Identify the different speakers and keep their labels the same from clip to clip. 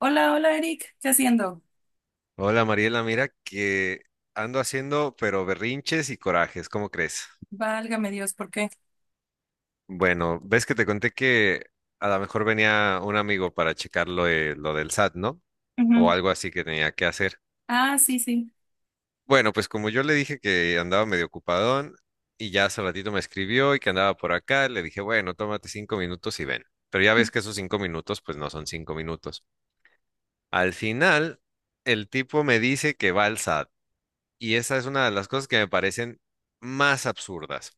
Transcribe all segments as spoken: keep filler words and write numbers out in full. Speaker 1: Hola, hola Eric, ¿qué haciendo?
Speaker 2: Hola Mariela, mira que ando haciendo pero berrinches y corajes, ¿cómo crees?
Speaker 1: Válgame Dios, ¿por qué?
Speaker 2: Bueno, ves que te conté que a lo mejor venía un amigo para checar lo, de- lo del S A T, ¿no? O
Speaker 1: Ujú.
Speaker 2: algo así que tenía que hacer.
Speaker 1: Ah, sí, sí.
Speaker 2: Bueno, pues como yo le dije que andaba medio ocupadón y ya hace ratito me escribió y que andaba por acá, le dije, bueno, tómate cinco minutos y ven. Pero ya ves que esos cinco minutos pues no son cinco minutos. Al final, el tipo me dice que va al S A T. Y esa es una de las cosas que me parecen más absurdas.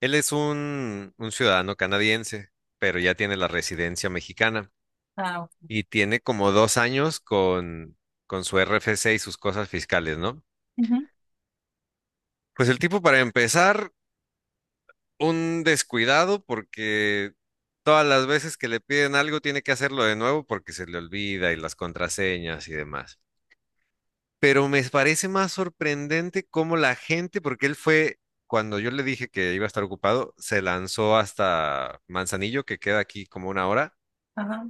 Speaker 2: Él es un, un ciudadano canadiense, pero ya tiene la residencia mexicana
Speaker 1: Ah, ok.
Speaker 2: y tiene como dos años con, con su R F C y sus cosas fiscales, ¿no?
Speaker 1: Ujú.
Speaker 2: Pues el tipo, para empezar, un descuidado porque todas las veces que le piden algo tiene que hacerlo de nuevo porque se le olvida y las contraseñas y demás. Pero me parece más sorprendente cómo la gente, porque él fue, cuando yo le dije que iba a estar ocupado, se lanzó hasta Manzanillo, que queda aquí como una hora,
Speaker 1: Ajá.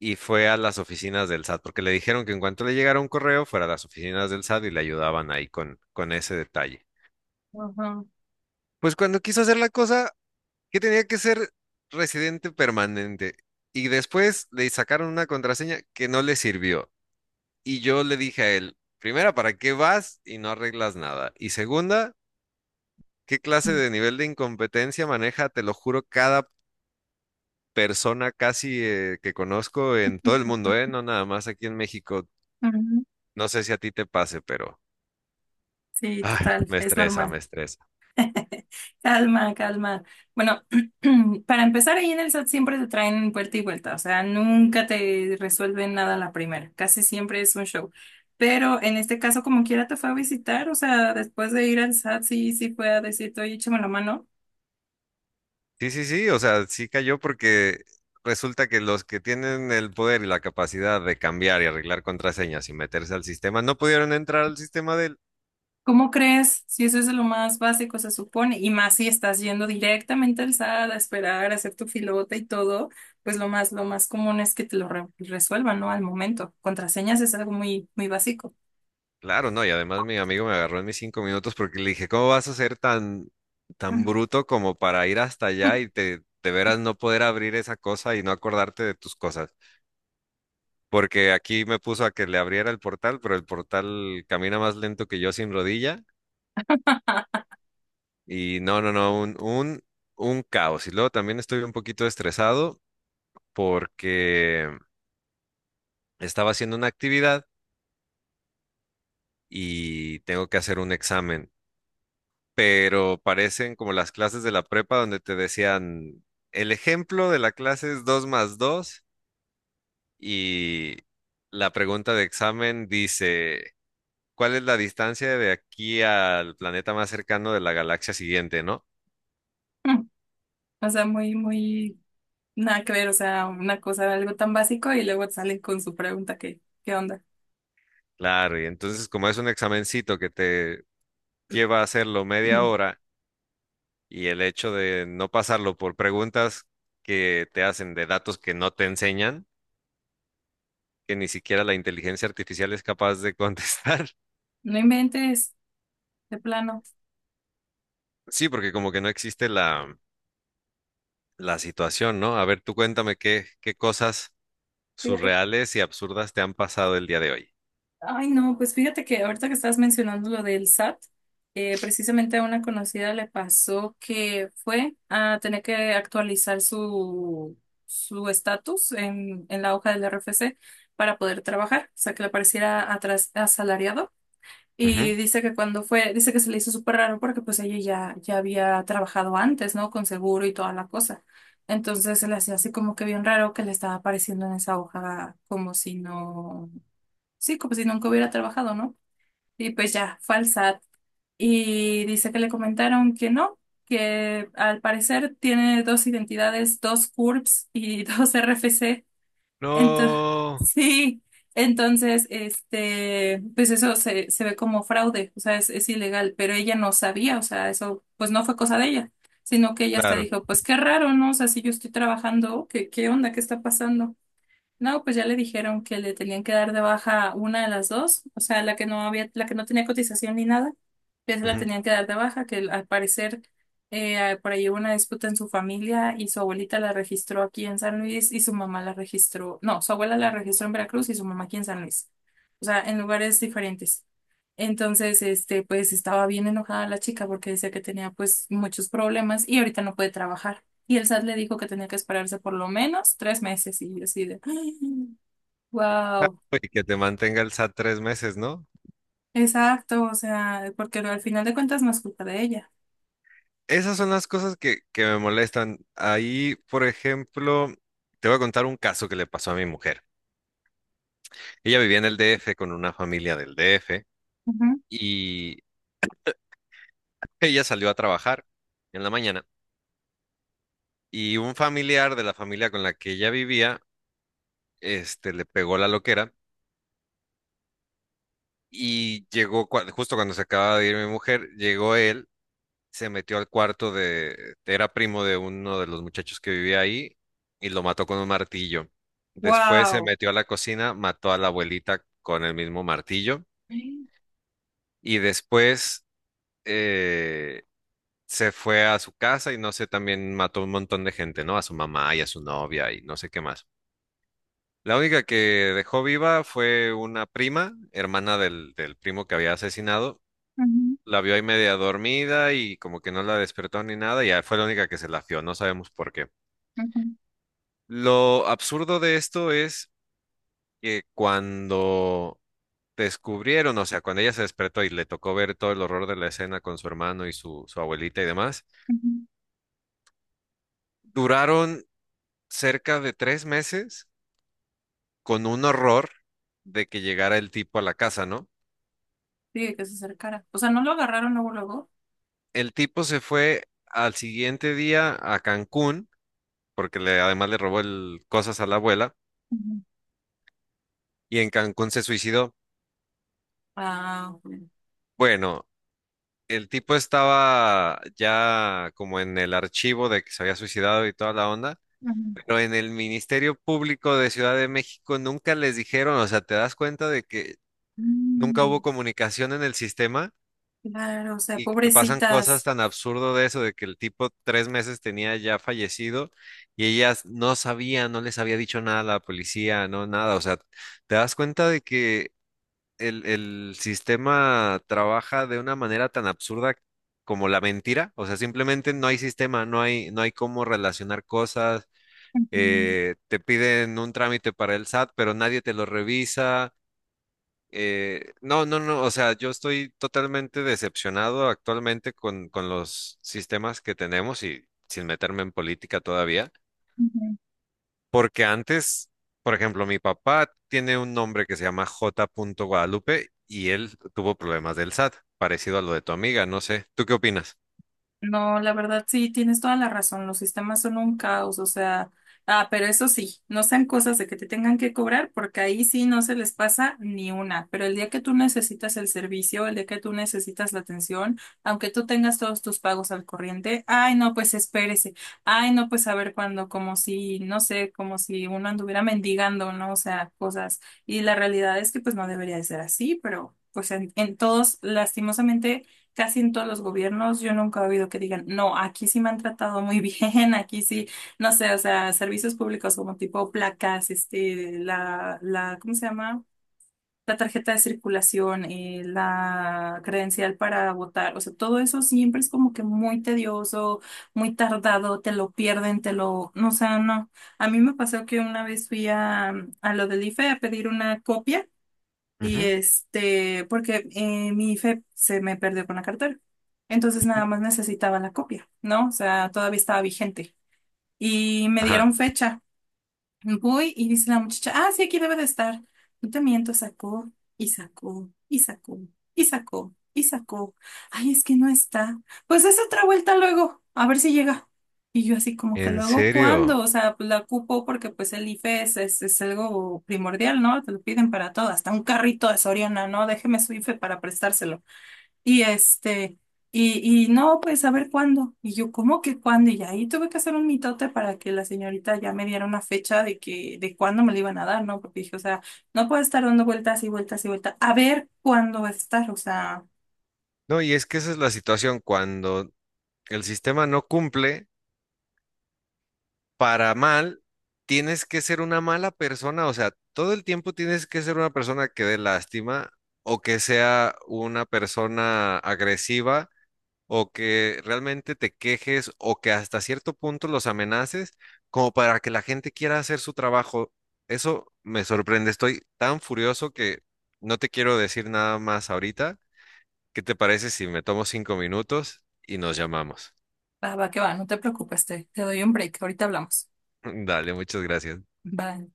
Speaker 2: y fue a las oficinas del S A T, porque le dijeron que en cuanto le llegara un correo, fuera a las oficinas del S A T y le ayudaban ahí con, con ese detalle.
Speaker 1: Ujú.
Speaker 2: Pues cuando quiso hacer la cosa, que tenía que ser residente permanente, y después le sacaron una contraseña que no le sirvió. Y yo le dije a él, primera, ¿para qué vas y no arreglas nada? Y segunda, ¿qué clase de nivel de incompetencia maneja, te lo juro, cada persona casi eh, que conozco en todo el mundo, ¿eh? No nada más aquí en México.
Speaker 1: Ujú.
Speaker 2: No sé si a ti te pase, pero
Speaker 1: Sí,
Speaker 2: ay,
Speaker 1: total,
Speaker 2: me
Speaker 1: es
Speaker 2: estresa, me
Speaker 1: normal.
Speaker 2: estresa.
Speaker 1: Calma, calma. Bueno, para empezar ahí en el SAT siempre te traen vuelta y vuelta, o sea, nunca te resuelven nada a la primera, casi siempre es un show. Pero en este caso, como quiera, te fue a visitar, o sea, después de ir al SAT, sí, sí fue a decirte, oye, échame la mano.
Speaker 2: Sí, sí, sí, o sea, sí cayó porque resulta que los que tienen el poder y la capacidad de cambiar y arreglar contraseñas y meterse al sistema no pudieron entrar al sistema de él.
Speaker 1: ¿Cómo crees? Si eso es lo más básico, se supone, y más si estás yendo directamente al SAT a esperar, a hacer tu filota y todo, pues lo más, lo más común es que te lo re- resuelvan, ¿no? Al momento. Contraseñas es algo muy, muy básico.
Speaker 2: Claro, no, y además mi amigo me agarró en mis cinco minutos porque le dije, ¿cómo vas a ser tan, tan bruto como para ir hasta allá y te, de veras no poder abrir esa cosa y no acordarte de tus cosas? Porque aquí me puso a que le abriera el portal, pero el portal camina más lento que yo sin rodilla y no, no, no, un, un, un caos. Y luego también estoy un poquito estresado porque estaba haciendo una actividad y tengo que hacer un examen. Pero parecen como las clases de la prepa donde te decían, el ejemplo de la clase es dos más dos y la pregunta de examen dice, ¿cuál es la distancia de aquí al planeta más cercano de la galaxia siguiente, no?
Speaker 1: O sea, muy, muy, nada que ver, o sea, una cosa, algo tan básico y luego salen con su pregunta que, qué onda?
Speaker 2: Claro, y entonces como es un examencito que te lleva a hacerlo media hora y el hecho de no pasarlo por preguntas que te hacen de datos que no te enseñan, que ni siquiera la inteligencia artificial es capaz de contestar.
Speaker 1: No inventes, de plano.
Speaker 2: Sí, porque como que no existe la, la situación, ¿no? A ver, tú cuéntame qué, qué cosas
Speaker 1: Fíjate
Speaker 2: surreales y absurdas te han pasado el día de hoy.
Speaker 1: Ay, no, pues fíjate que ahorita que estás mencionando lo del SAT, eh, precisamente a una conocida le pasó que fue a tener que actualizar su su estatus en, en la hoja del R F C para poder trabajar, o sea, que le pareciera atras- asalariado. Y
Speaker 2: Ujú.
Speaker 1: dice que cuando fue, dice que se le hizo súper raro porque pues ella ya, ya había trabajado antes, ¿no? Con seguro y toda la cosa. Entonces se le hacía así como que bien raro que le estaba apareciendo en esa hoja como si no. Sí, como si nunca hubiera trabajado, ¿no? Y pues ya, fue al SAT. Y dice que le comentaron que no, que al parecer tiene dos identidades, dos C U R Ps y dos R F C. Entonces,
Speaker 2: No,
Speaker 1: sí, entonces, este, pues eso se, se ve como fraude, o sea, es, es ilegal, pero ella no sabía, o sea, eso pues no fue cosa de ella, sino que ella hasta
Speaker 2: claro.
Speaker 1: dijo, pues qué raro, ¿no? O sea, si yo estoy trabajando, ¿qué, qué onda? ¿Qué está pasando? No, pues ya le dijeron que le tenían que dar de baja una de las dos, o sea, la que no había, la que no tenía cotización ni nada, ya se la
Speaker 2: Ujú.
Speaker 1: tenían que dar de baja, que al parecer eh, por ahí hubo una disputa en su familia y su abuelita la registró aquí en San Luis y su mamá la registró, no, su abuela la registró en Veracruz y su mamá aquí en San Luis, o sea, en lugares diferentes. Entonces, este, pues estaba bien enojada la chica porque decía que tenía pues muchos problemas y ahorita no puede trabajar. Y el SAT le dijo que tenía que esperarse por lo menos tres meses y yo así de,
Speaker 2: Ah,
Speaker 1: wow,
Speaker 2: y que te mantenga el S A T tres meses, ¿no?
Speaker 1: exacto, o sea, porque al final de cuentas no es culpa de ella.
Speaker 2: Esas son las cosas que, que me molestan. Ahí, por ejemplo, te voy a contar un caso que le pasó a mi mujer. Ella vivía en el D F con una familia del D F y ella salió a trabajar en la mañana y un familiar de la familia con la que ella vivía este, le pegó la loquera y llegó, cua- justo cuando se acaba de ir mi mujer, llegó él, se metió al cuarto de, era primo de uno de los muchachos que vivía ahí y lo mató con un martillo. Después se
Speaker 1: Wow.
Speaker 2: metió a la cocina, mató a la abuelita con el mismo martillo
Speaker 1: Sí,
Speaker 2: y después eh, se fue a su casa y no sé, también mató un montón de gente, ¿no? A su mamá y a su novia y no sé qué más. La única que dejó viva fue una prima, hermana del, del primo que había asesinado, la vio ahí media dormida y como que no la despertó ni nada, y ya fue la única que se la fió, no sabemos por qué. Lo absurdo de esto es que cuando descubrieron, o sea, cuando ella se despertó y le tocó ver todo el horror de la escena con su hermano y su, su abuelita y demás, duraron cerca de tres meses con un horror de que llegara el tipo a la casa, ¿no?
Speaker 1: que se acercara. O sea, no lo agarraron luego, luego.
Speaker 2: El tipo se fue al siguiente día a Cancún, porque le, además le robó el- cosas a la abuela,
Speaker 1: Ujú.
Speaker 2: y en Cancún se suicidó.
Speaker 1: Ah, ok.
Speaker 2: Bueno, el tipo estaba ya como en el archivo de que se había suicidado y toda la onda,
Speaker 1: Ujú.
Speaker 2: pero en el Ministerio Público de Ciudad de México nunca les dijeron, o sea, te das cuenta de que nunca hubo
Speaker 1: Mm,
Speaker 2: comunicación en el sistema
Speaker 1: claro, o sea,
Speaker 2: y te pasan cosas
Speaker 1: pobrecitas.
Speaker 2: tan absurdo de eso, de que el tipo tres meses tenía ya fallecido y ellas no sabían, no les había dicho nada a la policía, no nada, o sea, te das cuenta de que el, el sistema trabaja de una manera tan absurda como la mentira. O sea, simplemente no hay sistema, no hay, no hay cómo relacionar cosas. Eh, te piden un trámite para el S A T, pero nadie te lo revisa. Eh, no, no, no. O sea, yo estoy totalmente decepcionado actualmente con, con los sistemas que tenemos y sin meterme en política todavía. Porque antes, por ejemplo, mi papá tiene un nombre que se llama J. Guadalupe y él tuvo problemas del S A T, parecido a lo de tu amiga, no sé. ¿Tú qué opinas?
Speaker 1: No, la verdad sí, tienes toda la razón. Los sistemas son un caos, o sea, ah, pero eso sí, no sean cosas de que te tengan que cobrar, porque ahí sí no se les pasa ni una. Pero el día que tú necesitas el servicio, el día que tú necesitas la atención, aunque tú tengas todos tus pagos al corriente, ay, no, pues espérese. Ay, no, pues a ver cuándo, como si, no sé, como si uno anduviera mendigando, ¿no? O sea, cosas. Y la realidad es que pues no debería de ser así, pero pues en en todos, lastimosamente casi en todos los gobiernos yo nunca he oído que digan, no, aquí sí me han tratado muy bien, aquí sí, no sé, o sea, servicios públicos como tipo placas, este, la, la, ¿cómo se llama? La tarjeta de circulación, eh, la credencial para votar, o sea, todo eso siempre es como que muy tedioso, muy tardado, te lo pierden, te lo, no, o sea, no. A mí me pasó que una vez fui a, a lo del IFE a pedir una copia. Y
Speaker 2: Ujú.
Speaker 1: este, porque eh, mi IFE se me perdió con la cartera. Entonces nada más necesitaba la copia, ¿no? O sea, todavía estaba vigente. Y me
Speaker 2: Ajá,
Speaker 1: dieron fecha. Voy y dice la muchacha, ah, sí, aquí debe de estar. No te miento, sacó y sacó y sacó y sacó y sacó. Ay, es que no está. Pues es otra vuelta luego, a ver si llega. Y yo así como que
Speaker 2: ¿en
Speaker 1: luego, ¿cuándo?
Speaker 2: serio?
Speaker 1: O sea, pues la ocupo porque pues el IFE es, es, es algo primordial, ¿no? Te lo piden para todo, hasta un carrito de Soriana, ¿no? Déjeme su IFE para prestárselo. Y este, y, y no, pues a ver cuándo. Y yo, ¿cómo que cuándo? Y ahí tuve que hacer un mitote para que la señorita ya me diera una fecha de que, de cuándo me lo iban a dar, ¿no? Porque dije, o sea, no puedo estar dando vueltas y vueltas y vueltas. A ver cuándo va a estar, o sea,
Speaker 2: No, y es que esa es la situación cuando el sistema no cumple para mal, tienes que ser una mala persona, o sea, todo el tiempo tienes que ser una persona que dé lástima o que sea una persona agresiva o que realmente te quejes o que hasta cierto punto los amenaces como para que la gente quiera hacer su trabajo. Eso me sorprende. Estoy tan furioso que no te quiero decir nada más ahorita. ¿Qué te parece si me tomo cinco minutos y nos llamamos?
Speaker 1: va, va que va, no te preocupes, te, te doy un break, ahorita hablamos.
Speaker 2: Dale, muchas gracias.
Speaker 1: Bye.